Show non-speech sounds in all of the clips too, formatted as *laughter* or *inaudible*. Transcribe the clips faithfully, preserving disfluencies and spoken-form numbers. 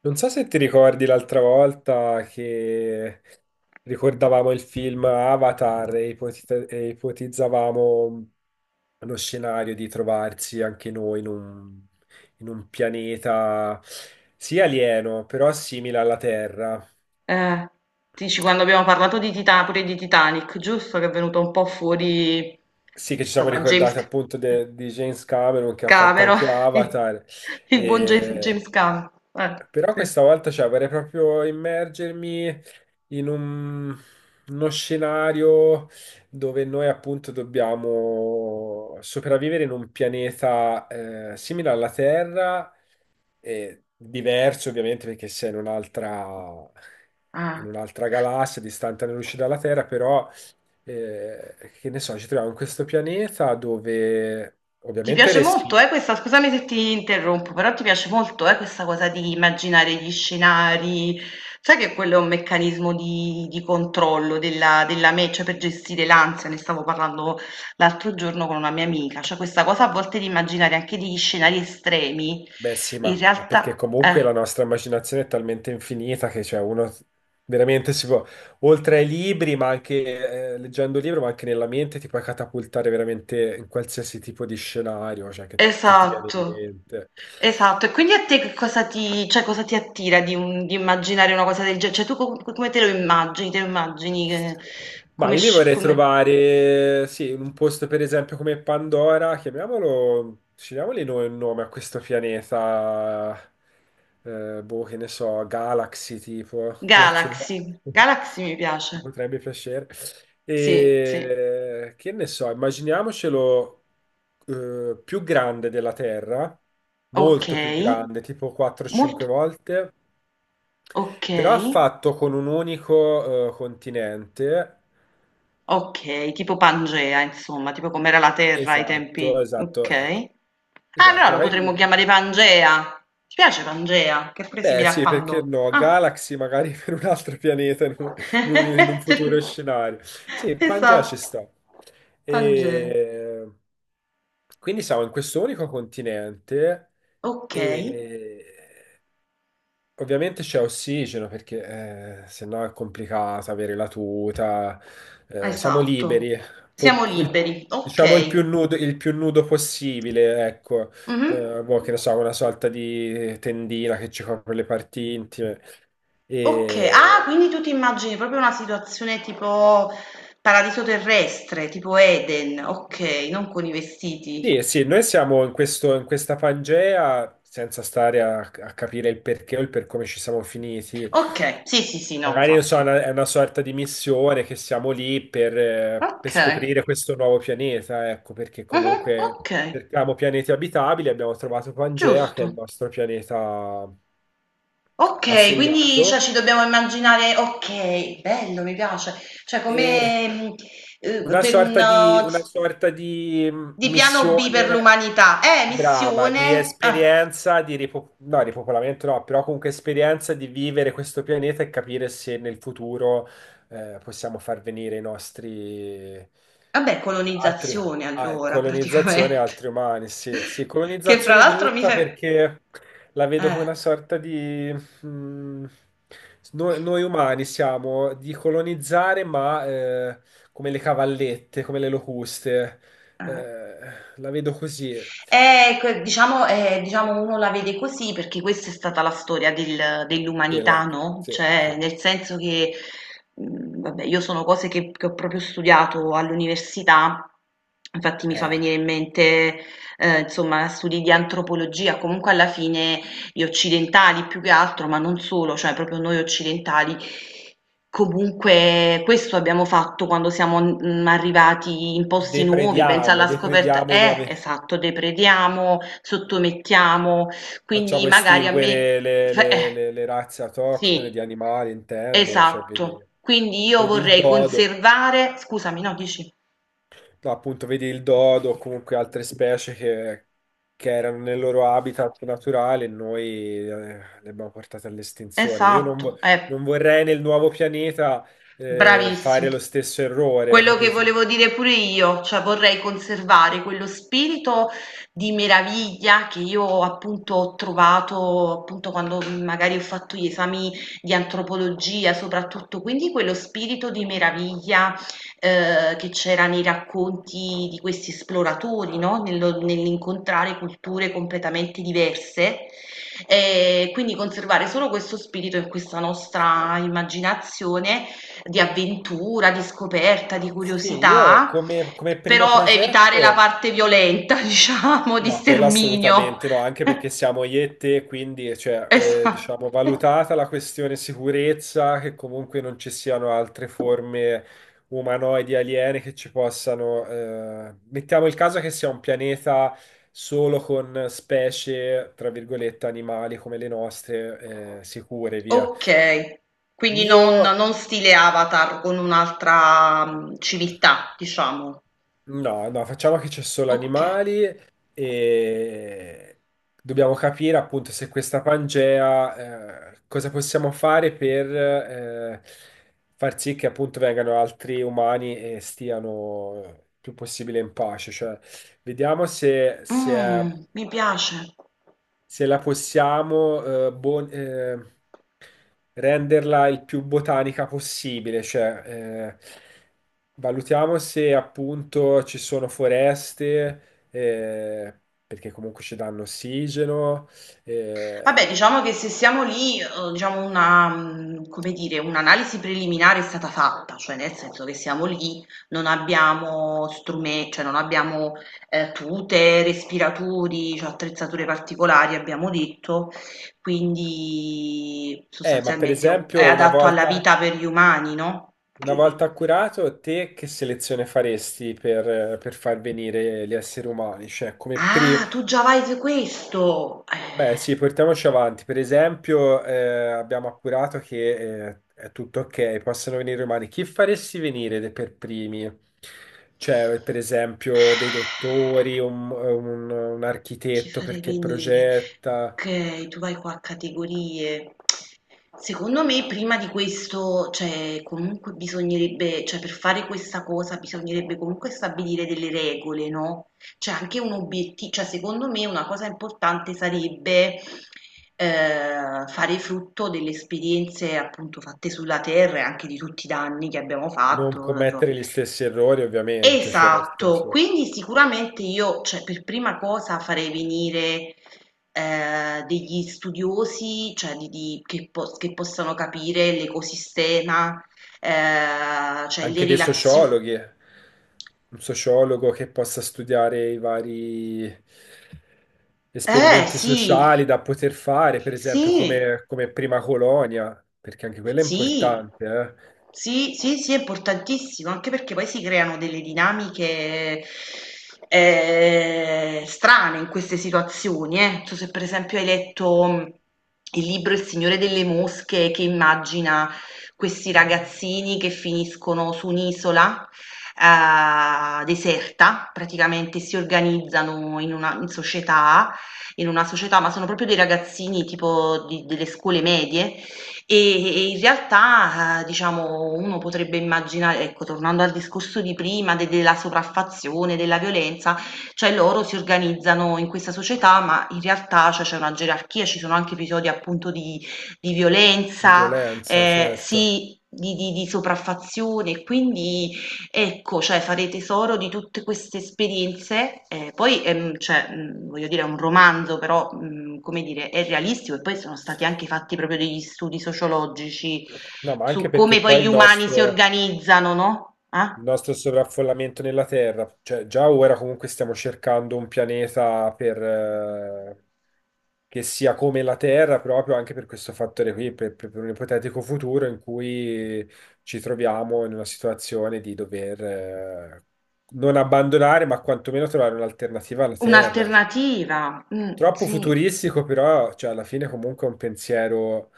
Non so se ti ricordi l'altra volta che ricordavamo il film Avatar e ipotita- e ipotizzavamo lo scenario di trovarsi anche noi in un, in un pianeta sì alieno, però simile alla Terra. Eh, Dici quando abbiamo parlato di Tita- pure di Titanic, giusto? Che è venuto un po' fuori, Sì, che ci siamo insomma, James ricordati appunto de- di James Cameron che ha fatto Cameron, anche *laughs* Avatar. il buon James James E... Cameron. Eh, Però sì. questa volta cioè, vorrei proprio immergermi in un- uno scenario dove noi appunto dobbiamo sopravvivere in un pianeta eh, simile alla Terra, e diverso ovviamente perché sei in un'altra in Ah. un'altra galassia distante anni luce dalla Terra, però eh, che ne so, ci troviamo in questo pianeta dove Ti ovviamente Eh, piace molto, respiri. eh, questa, scusami se ti interrompo, però ti piace molto, eh, questa cosa di immaginare gli scenari. Sai che quello è un meccanismo di, di controllo della, della me, cioè per gestire l'ansia, ne stavo parlando l'altro giorno con una mia amica, cioè questa cosa a volte di immaginare anche degli scenari estremi, Beh, sì, in ma, ma perché realtà, comunque eh. la nostra immaginazione è talmente infinita che cioè, uno veramente si può, oltre ai libri, ma anche eh, leggendo il libro, ma anche nella mente, ti puoi catapultare veramente in qualsiasi tipo di scenario, cioè, che, che ti viene in Esatto, mente. esatto. E quindi a te che cosa ti, cioè, cosa ti attira di, un- di immaginare una cosa del genere? Cioè, tu com- come te lo immagini? Te lo immagini eh, Ma come, io mi sci- vorrei come... trovare, sì, in un posto per esempio come Pandora, chiamiamolo, scegliamoli noi un nome a questo pianeta, eh, boh, che ne so, Galaxy tipo, come ce l'ho? Galaxy? Mi Galaxy mi piace. potrebbe piacere. Sì, sì. E che ne so, immaginiamocelo eh, più grande della Terra, Ok. molto più grande, tipo Molto. quattro cinque volte, Ok. però fatto con un unico eh, continente. Ok, tipo Pangea, insomma, tipo com'era la Terra ai Esatto, tempi. esatto, Ok. Ah, allora esatto. lo potremmo Magari chiamare Pangea. Ti piace Pangea? Che è pure beh, simile a sì, perché Pandora. no? Ah. Galaxy magari *laughs* per un altro pianeta in un, in un- in un futuro scenario. Sì, *laughs* Pangea ci Esatto, sta. Tange, E... Quindi siamo in questo unico continente okay, e ovviamente c'è ossigeno perché eh, sennò è complicata avere la tuta, eh, siamo esatto. liberi. Po- Siamo il- liberi, diciamo il più okay. nudo, il più nudo possibile, ecco. Mh-mh. Eh, boh, che ne so, una sorta di tendina che ci copre le parti intime. Okay, ah quindi tu ti immagini proprio una situazione tipo paradiso terrestre, tipo Eden, okay, non con i vestiti. Sì, eh sì, noi siamo in questo- in questa Pangea senza stare a, a capire il perché o il per come ci siamo finiti. Okay, sì, sì, sì, no Magari non so, è infatti. una, è una sorta di missione che siamo lì per, eh, per Okay, scoprire questo nuovo pianeta, ecco, perché mh-mh, comunque okay, cerchiamo pianeti abitabili, abbiamo trovato Pangea, che è il giusto. nostro pianeta Okay, quindi cioè assegnato. ci dobbiamo immaginare, okay, bello, mi piace. Cioè E come, mhmm, uhm, Una per un sorta di, una s sorta di mh, di piano B per missione l'umanità. Eh, brava, di missione ah, esperienza, di ripo- no, ripopolamento no, però comunque esperienza di vivere questo pianeta e capire se nel futuro eh, possiamo far venire i nostri vabbè, altri, colonizzazione ah, allora colonizzazione e praticamente. altri umani. Sì, sì, *laughs* Che fra colonizzazione l'altro mi brutta fai perché la vedo come eh, una sorta di... mh, noi, noi umani siamo di colonizzare, ma... eh, come le cavallette, come le locuste. Eh, eh. la vedo così. Eh, que- diciamo, eh, diciamo uno la vede così perché questa è stata la storia del- dell'umanità, Del- no? sì, Cioè, sì. nel senso che, mh, vabbè, io sono cose che, che ho proprio studiato all'università, infatti mi fa Eh, venire in mente, eh, insomma, studi di antropologia, comunque alla fine gli occidentali più che altro, ma non solo, cioè proprio noi occidentali. Comunque questo abbiamo fatto quando siamo mm, arrivati in posti nuovi, pensa deprediamo, alla scoperta, deprediamo i eh, nuovi... esatto, deprediamo, sottomettiamo, quindi Facciamo magari a me, estinguere le, le- eh, le- le razze autoctone sì, di animali, intendo. Cioè, vedi, esatto, quindi io vedi il vorrei dodo. conservare, scusami, no, dici, No, appunto, vedi il dodo o comunque altre specie che, che erano nel loro habitat naturale e noi eh, le abbiamo portate all'estinzione. Io non, vo- esatto, eh. Non vorrei nel nuovo pianeta eh, Bravissimo. fare lo stesso errore, Quello che capito? volevo dire pure io, cioè vorrei conservare quello spirito di meraviglia che io appunto ho trovato appunto quando magari ho fatto gli esami di antropologia, soprattutto, quindi quello spirito di meraviglia eh, che c'era nei racconti di questi esploratori, no? Nello- nell'incontrare culture completamente diverse. E quindi conservare solo questo spirito in questa nostra immaginazione di avventura, di scoperta, di Sì, io curiosità, come, come primo però evitare la progetto. parte violenta, *laughs* diciamo, di No, quella sterminio. assolutamente no, anche perché siamo io e te, quindi cioè, eh, Esatto. diciamo, valutata la questione sicurezza, che comunque non ci siano altre forme umanoidi aliene che ci possano... eh, mettiamo il caso che sia un pianeta solo con specie, tra virgolette, animali come le nostre, eh, sicure, via. Ok, quindi Io non, non stile Avatar con un'altra mm, civiltà, diciamo. no, no, facciamo che c'è solo Ok, animali e dobbiamo capire appunto se questa Pangea, eh, cosa possiamo fare per eh, far sì che appunto vengano altri umani e stiano eh, più possibile in pace. Cioè, vediamo se, se, mm, mi piace. se la possiamo, eh, bon- eh, renderla il più botanica possibile, cioè eh, valutiamo se appunto ci sono foreste, eh, perché comunque ci danno ossigeno, Vabbè, eh, diciamo che se siamo lì, eh, diciamo una, mh, come dire, un'analisi preliminare è stata fatta, cioè nel senso che siamo lì, non abbiamo strumenti, cioè non abbiamo eh, tute, respiratori, cioè attrezzature particolari, abbiamo detto, quindi eh, ma per sostanzialmente è un- è esempio una adatto alla volta, vita per gli umani, no? una Gi- volta gi- curato, te che selezione faresti per, per far venire gli esseri umani? Cioè come pri- Ah, tu già vai su questo! beh, sì, Eh. portiamoci avanti. Per esempio, eh, abbiamo appurato che eh, è tutto ok, possono venire umani. Chi faresti venire de- per primi? Cioè, per esempio, dei dottori, un, un- un Chi architetto farei perché venire? progetta, Okay, tu vai qua a categorie. Secondo me prima di questo, cioè comunque bisognerebbe, cioè per fare questa cosa bisognerebbe comunque stabilire delle regole, no? Cioè anche un obiettivo, cioè secondo me una cosa importante sarebbe eh, fare frutto delle esperienze appunto fatte sulla terra e anche di tutti i danni che abbiamo non fatto, insomma. commettere gli stessi errori, ovviamente, certo, Esatto, sì. quindi sicuramente io, cioè, per prima cosa farei venire eh, degli studiosi, cioè, di- di- che, po- che possano capire l'ecosistema, eh, cioè le Anche dei relazioni. sociologhi, un sociologo che possa studiare i vari Eh esperimenti sì, sociali da poter fare, per esempio sì. come, come prima colonia, perché anche quella è Sì, importante, eh, sì, sì, sì, è importantissimo, anche perché poi si creano delle dinamiche eh, strane in queste situazioni. Eh. Non so se per esempio hai letto mh, il libro Il Signore delle Mosche, che immagina questi ragazzini che finiscono su un'isola eh, deserta, praticamente si organizzano in una in società, in una società, ma sono proprio dei ragazzini tipo di- delle scuole medie, e, e in realtà, eh, diciamo, uno potrebbe immaginare, ecco, tornando al discorso di prima, de- della sopraffazione, della violenza, cioè loro si organizzano in questa società, ma in realtà, cioè, c'è una gerarchia, ci sono anche episodi appunto di, di di violenza, violenza, eh, certo. sì, di, di, di sopraffazione, quindi. Ecco, cioè fare tesoro di tutte queste esperienze, ehm, poi, ehm, cioè, mhmm, voglio dire è un romanzo però, mhmm, come dire, è realistico e poi sono stati anche fatti proprio degli studi sociologici No, ma anche su come perché poi poi gli il umani si nostro, organizzano, no, il ah, nostro sovraffollamento nella Terra. Cioè, già ora comunque stiamo cercando un pianeta per, eh, che sia come la Terra, proprio anche per questo fattore qui, per, per- per un ipotetico futuro in cui ci troviamo in una situazione di dover, eh, non abbandonare, ma quantomeno trovare un'alternativa alla Terra. un'alternativa. Mh, Troppo sì. futuristico, però, cioè, alla fine comunque è un pensiero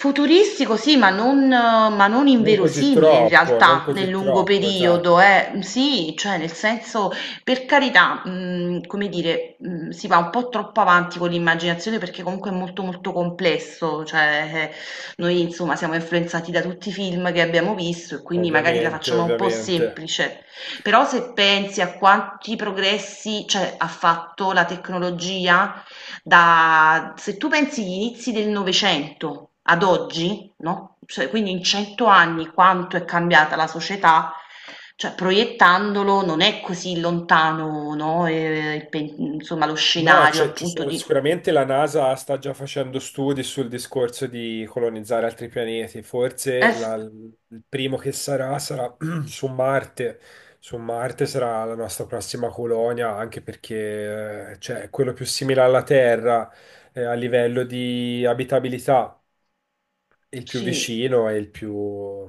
Futuristico sì, ma non, ma non non così inverosimile in troppo, non realtà nel così lungo troppo, esatto. periodo, eh. Sì, cioè nel senso, per carità, mhmm, come dire, mhmm, si va un po' troppo avanti con l'immaginazione perché comunque è molto, molto complesso, cioè, eh, noi insomma siamo influenzati da tutti i film che abbiamo visto e quindi magari la Ovviamente, facciamo un po' ovviamente. semplice. Però se pensi a quanti progressi, cioè, ha fatto la tecnologia da se tu pensi gli inizi del Novecento ad oggi, no, cioè quindi in cento anni quanto è cambiata la società, cioè proiettandolo non è così lontano, no, eh, il pen- insomma lo No, scenario c'è- ci appunto sono- di... sicuramente la NASA sta già facendo studi sul discorso di colonizzare altri pianeti. Eh, Forse s- la- il primo che sarà sarà *clears throat* su Marte. Su Marte sarà la nostra prossima colonia, anche perché eh, cioè, è quello più simile alla Terra eh, a livello di abitabilità, il più sì, vicino e il più,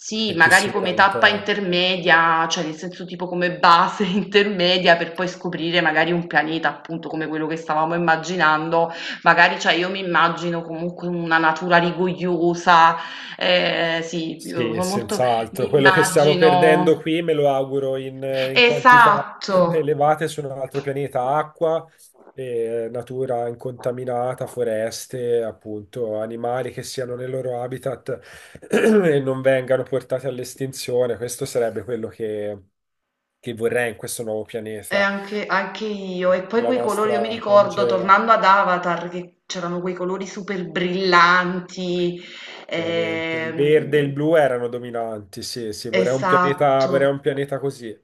sì, il più magari simile come alla tappa Terra. intermedia, cioè nel senso tipo come base *laughs* intermedia per poi scoprire magari un pianeta, appunto come quello che stavamo immaginando, magari cioè io mi immagino comunque una natura rigogliosa, eh, sì, io Sì, sono molto, senz'altro. mi Quello che stiamo perdendo immagino, qui me lo auguro in, in quantità *laughs* esatto. elevate su un altro pianeta, acqua, eh, natura incontaminata, foreste, appunto, animali che siano nel loro habitat *clears throat* e non vengano portati all'estinzione. Questo sarebbe quello che, che vorrei in questo nuovo E pianeta, anche, anche io, e poi nella quei colori, io mi nostra ricordo Pangea. tornando ad Avatar che c'erano quei colori super brillanti, Veramente il verde e ehm, il blu erano dominanti, sì, sì, vorrei un pianeta, esatto, vorrei un pianeta così,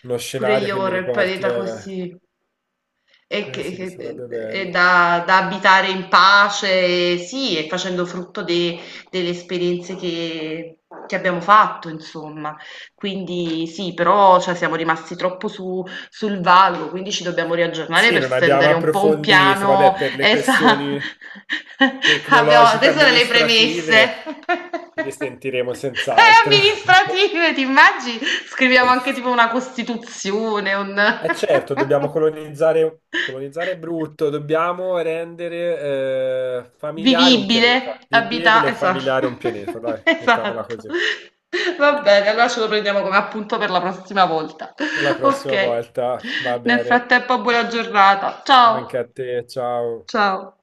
uno pure scenario io che mi vorrei il riporti, pianeta eh, così. E eh che, sì, che- sarebbe e bello. da, da abitare in pace, e sì, e facendo frutto de- delle esperienze che, che abbiamo fatto, insomma. Quindi sì, però cioè, siamo rimasti troppo su- sul vago, quindi ci dobbiamo riaggiornare Sì, per non abbiamo stendere un po' un approfondito, piano. vabbè, per le Esatto. questioni *laughs* Abbiamo, tecnologiche queste sono le premesse. amministrative ci *laughs* risentiremo E senz'altro. *laughs* amministrative, ti immagini? Scriviamo anche tipo una costituzione, un... *laughs* E certo, dobbiamo colonizzare, colonizzare è brutto, dobbiamo rendere eh, familiare un Vivibile, pianeta, abita vivibile e esa *laughs* familiare un pianeta, dai, mettiamola esatto. così. Va bene, allora ce lo prendiamo come appunto per la prossima volta. *laughs* Per la prossima Ok. volta, va Nel bene. frattempo buona giornata. Anche Ciao, a te, ciao. ciao.